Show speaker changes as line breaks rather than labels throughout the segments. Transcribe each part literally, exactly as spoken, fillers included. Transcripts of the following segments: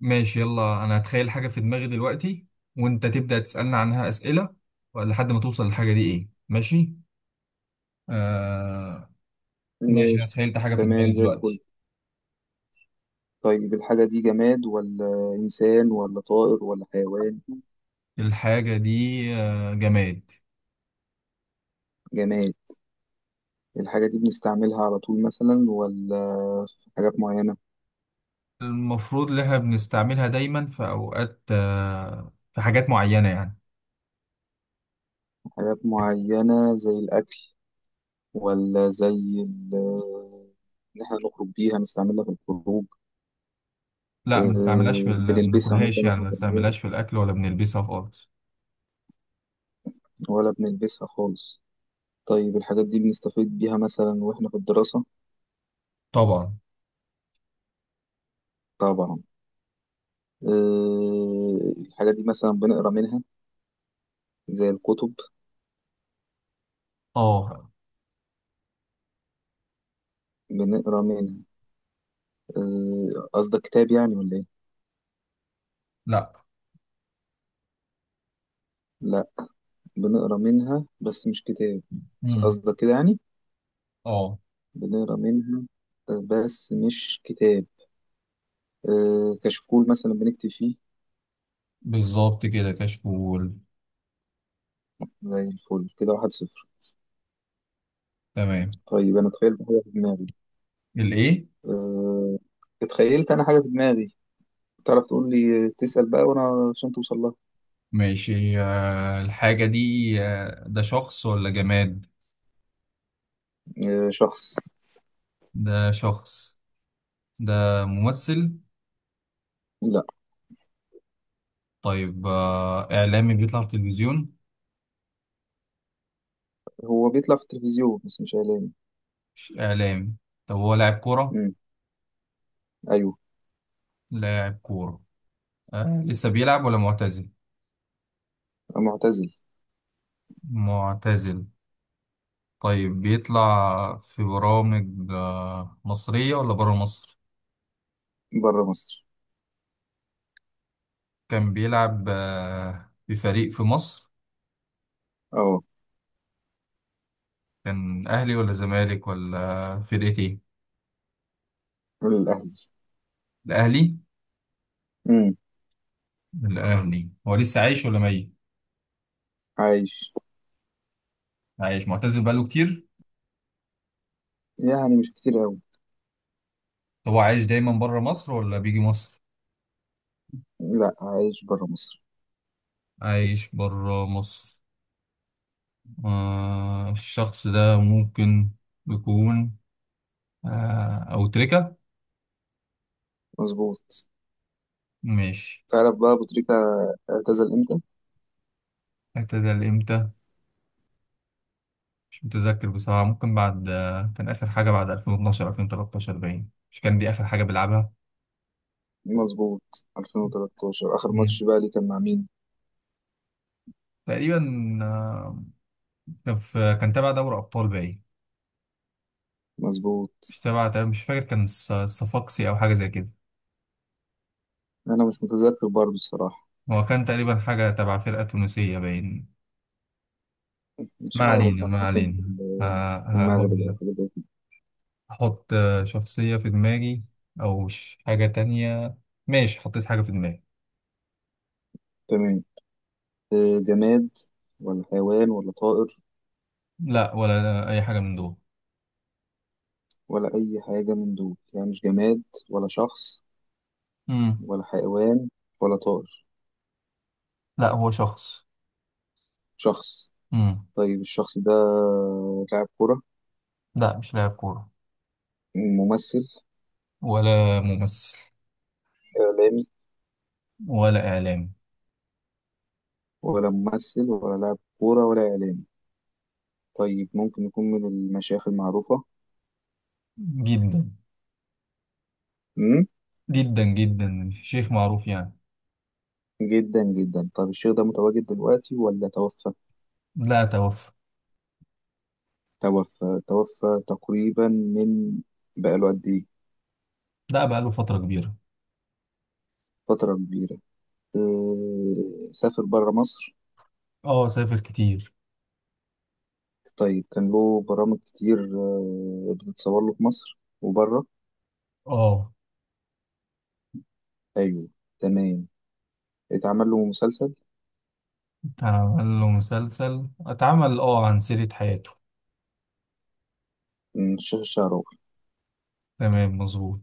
ماشي يلا انا هتخيل حاجة في دماغي دلوقتي وانت تبدأ تسألني عنها أسئلة لحد ما توصل للحاجة دي ايه. ماشي. آه. ماشي، انا
ماشي.
تخيلت حاجة في
تمام،
دماغي
زي الفل.
دلوقتي.
طيب، الحاجة دي جماد ولا إنسان ولا طائر ولا حيوان؟
الحاجة دي آه جماد.
جماد. الحاجة دي بنستعملها على طول مثلا ولا في حاجات معينة؟
المفروض ان احنا بنستعملها دايما في اوقات، آه في حاجات معينة يعني.
حاجات معينة زي الأكل، ولا زي ال- إن إحنا نخرج بيها نستعملها في الخروج؟
لا، ما بنستعملهاش في
أه،
ال... ما
بنلبسها
بناكلهاش
مثلا
يعني،
إحنا
ما
كمان
بنستعملهاش في الاكل ولا بنلبسها خالص.
ولا بنلبسها خالص؟ طيب الحاجات دي بنستفيد بيها مثلا وإحنا في الدراسة؟
طبعا.
طبعا. أه، الحاجة دي مثلا بنقرا منها زي الكتب؟
اه.
بنقرا منها. آه، قصدك كتاب يعني ولا ايه؟
لا.
لا، بنقرا منها بس مش كتاب.
امم
قصدك كده يعني؟
اه.
بنقرا منها. آه، بس مش كتاب. آه، كشكول مثلا بنكتب فيه.
بالظبط كده، كشكول.
زي الفل، كده واحد صفر.
تمام.
طيب انا تخيلت حاجه في دماغي.
الايه؟
آه، اتخيلت انا حاجه في دماغي، تعرف تقول لي، تسأل بقى وانا عشان توصل لها.
ماشي. آه، الحاجة دي آه، ده شخص ولا جماد؟
آه، شخص.
ده شخص. ده ممثل؟
لا،
طيب آه، إعلامي بيطلع في التلفزيون؟
هو بيطلع في التلفزيون بس مش اعلامي.
مش إعلامي؟ طب هو لاعب كورة؟
مم، ايوه.
لاعب كورة. آه، لسه بيلعب ولا معتزل؟
معتزل.
معتزل. طيب بيطلع في برامج آه، مصرية ولا برا مصر؟
بره مصر.
كان بيلعب آه، في فريق في مصر.
اه.
كان أهلي ولا زمالك ولا فرقة إيه؟
الاهلي.
الأهلي. الأهلي، هو لسه عايش ولا ميت؟
عايش،
عايش معتزل بقاله كتير.
يعني مش كتير قوي.
طب هو عايش دايما بره مصر ولا بيجي مصر؟
لا، عايش برا مصر.
عايش بره مصر. آه الشخص ده ممكن يكون آه أو تركة.
مظبوط.
ماشي.
تعرف بقى أبو تريكة اعتزل امتى؟
اعتزل امتى؟ مش متذكر بصراحة. ممكن بعد آه كان آخر حاجة بعد ألفين واتناشر ألفين وتلتاشر باين، مش كان دي آخر حاجة بيلعبها.
مظبوط. ألفين وثلاثة عشر اخر
مم.
ماتش بقى ليه، كان مع مين؟
تقريبا آه كان في كان تابع دوري أبطال باين.
مظبوط.
مش تابع مش فاكر، كان الص- الصفاقسي أو حاجة زي كده.
انا مش متذكر برضو الصراحة.
هو كان تقريبا حاجة تبع فرقة تونسية باين.
مش
ما
عارف،
علينا
كان
ما
ممكن في
علينا.
ال- في
ه-
المغرب
هقول
او
لك.
حاجة زي كده.
أحط شخصية في دماغي أو ش- حاجة تانية. ماشي، حطيت حاجة في دماغي.
تمام. آه، جماد ولا حيوان ولا طائر؟
لا ولا أي حاجة من دول.
ولا اي حاجة من دول، يعني مش جماد ولا شخص
مم.
ولا حيوان ولا طائر؟
لا هو شخص.
شخص.
مم.
طيب الشخص ده لاعب كرة؟
لا مش لاعب كورة
ممثل؟
ولا ممثل
إعلامي؟
ولا إعلامي.
ولا ممثل ولا لاعب كورة ولا إعلامي. طيب ممكن يكون من المشايخ المعروفة؟
جدا.
امم
جدا جدا شيخ معروف يعني.
جدا جدا. طب الشيخ ده متواجد دلوقتي ولا توفى؟
لا توفى.
توفى. توفى تقريبا من، بقاله قد إيه؟
لا بقاله فترة كبيرة.
فترة كبيرة. أه... سافر برا مصر؟
اه سافر كتير.
طيب كان له برامج كتير، آه، بتتصور له في مصر وبره؟
اه.
أيوه. تمام. اتعمل له مسلسل؟
أعمل له مسلسل، أتعمل أه عن سيرة حياته.
مم، الشيخ الشعراوي.
تمام مظبوط.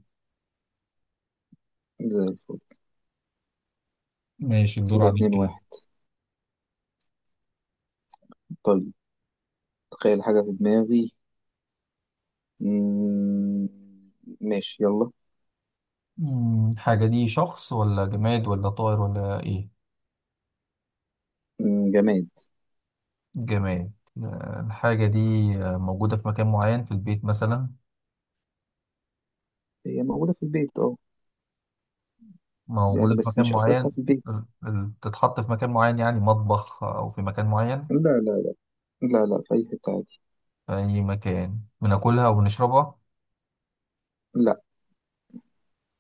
زي الفل.
ماشي، الدور
كده
عليك
اتنين
كده.
واحد. طيب، تخيل حاجة في دماغي. مم، ماشي، يلا.
مم، الحاجة دي شخص ولا جماد ولا طائر ولا إيه؟
مم، جماد.
جماد. آه، الحاجة دي آه، موجودة في مكان معين في البيت مثلا؟
هي موجودة في البيت اه، يعني
موجودة في
بس
مكان
مش أساسها
معين.
في البيت.
ال- ال- تتحط في مكان معين يعني مطبخ أو في مكان معين؟
لا لا لا لا، لا، في أي حتة عادي.
في أي مكان بناكلها وبنشربها؟
لا.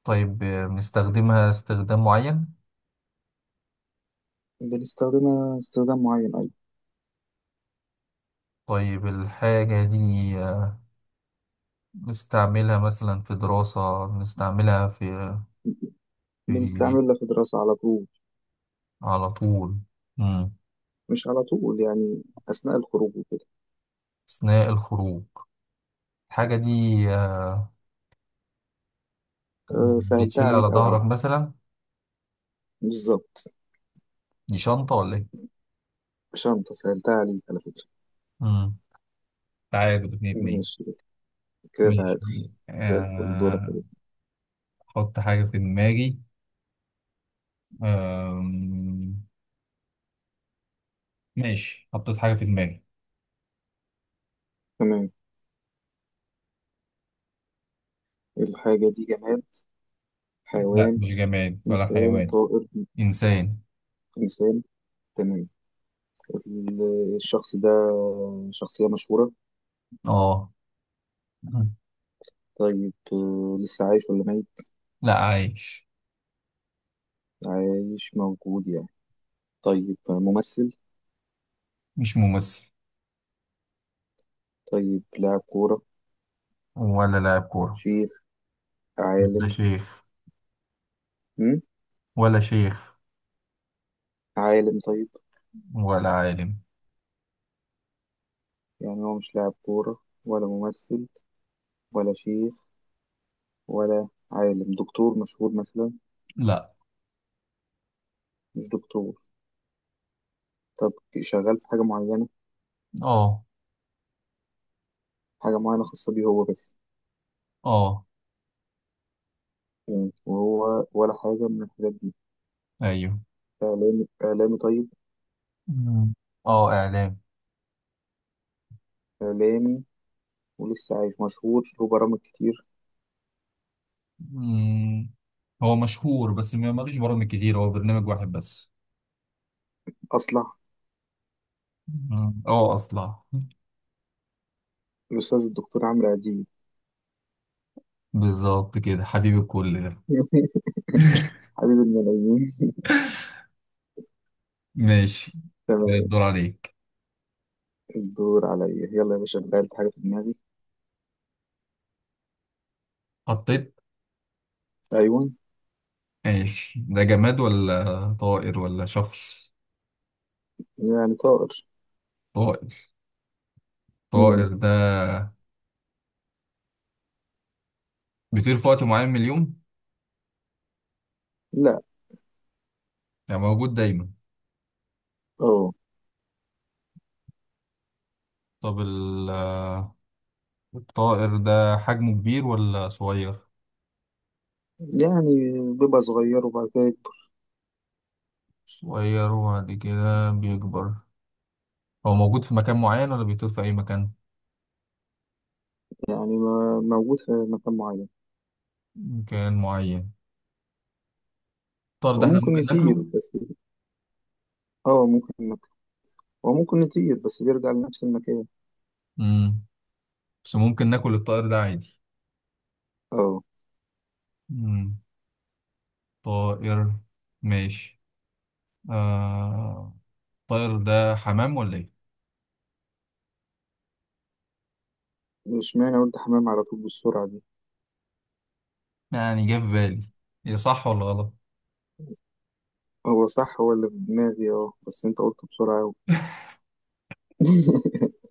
طيب آه، بنستخدمها استخدام معين؟
بنستخدمها استخدام معين أيضا.
طيب الحاجة دي نستعملها مثلا في دراسة، بنستعملها في في.
بنستعملها في دراسة على طول.
على طول. مم.
مش على طول يعني، أثناء الخروج وكده.
أثناء الخروج. الحاجة دي آه،
أه، سهلتها
بتشيل على
عليك أوي على
ظهرك
فكرة.
مثلا؟
بالظبط.
دي شنطة ولا إيه؟
شنطة، سهلتها عليك على فكرة.
مم. تعادل اتنين اتنين.
ماشي، كده
ماشي.
تعادل. زي الفل، دورك
آه.
كده.
أحط حاجة في دماغي. آم، ماشي، حطيت حاجة في دماغي.
تمام. الحاجة دي جماد؟
لا
حيوان؟
مش جماد ولا
إنسان،
حيوان.
طائر؟
إنسان.
إنسان. تمام. ال- الشخص ده شخصية مشهورة؟
اه. مم.
طيب، آه، لسه عايش ولا ميت؟
لا عايش.
عايش، موجود يعني. طيب، آه، ممثل؟
مش ممثل.
طيب لاعب كورة؟
ولا لاعب كورة.
شيخ؟
لا
عالم؟
شيخ.
مم؟
ولا شيخ.
عالم طيب.
ولا عالم.
يعني هو مش لاعب كورة ولا ممثل ولا شيخ ولا عالم، دكتور مشهور مثلا؟
لا.
مش دكتور. طب شغال في حاجة معينة؟
اه.
حاجة معينة خاصة بيه هو بس؟
اه.
مم. وهو ولا حاجة من الحاجات دي؟
ايوه.
إعلامي؟ إعلامي طيب.
مم. اه اعلام.
إعلامي ولسه عايش مشهور له برامج كتير؟
مم. هو مشهور بس ما ماليش برامج كتير، هو برنامج واحد بس.
أصلح.
مم. اه اصلا.
الأستاذ الدكتور عمرو أديب.
بالظبط كده، حبيب الكل ده.
حبيب الملايين.
ماشي. كده
تمام.
الدور عليك.
الدور عليا. يلا يا باشا، غيرت حاجة في دماغي.
حطيت.
أيوة.
ماشي، ده جماد ولا طائر ولا شخص؟
يعني طائر.
طائر. طائر
مم.
ده بيطير في وقت معين من اليوم؟
لا.
يعني موجود دايما.
أه.
طب ال الطائر ده حجمه كبير ولا صغير؟
يعني بيبقى صغير وبعد كده يكبر.
صغير وبعد كده بيكبر. هو موجود في مكان معين ولا بيطير في أي مكان؟
يعني ما موجود في مكان معين.
مكان معين. الطائر ده احنا
وممكن
ممكن
يطير
ناكله؟
بس. اه، ممكن مك... وممكن يطير بس بيرجع لنفس المكان.
مم. بس ممكن ناكل الطائر ده عادي؟
اه.
مم. طائر. ماشي. آه. الطائر ده حمام ولا ايه؟
مش معنى قلت حمام على طول بالسرعة دي.
يعني جه في بالي. هي صح ولا غلط؟
هو صح، هو اللي في دماغي، اه، بس انت قلت بسرعة أوي.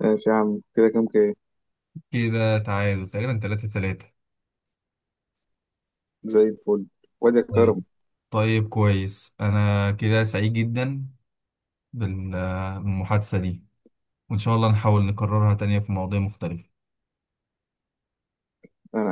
ماشي يا عم، كده كام كام؟
كده تعادل تقريبا تلاتة تلاتة.
زي الفل. وادي
طيب.
كرم.
طيب كويس، أنا كده سعيد جدا بال- بالمحادثة دي، وإن شاء الله نحاول نكررها تانية في مواضيع مختلفة.
انا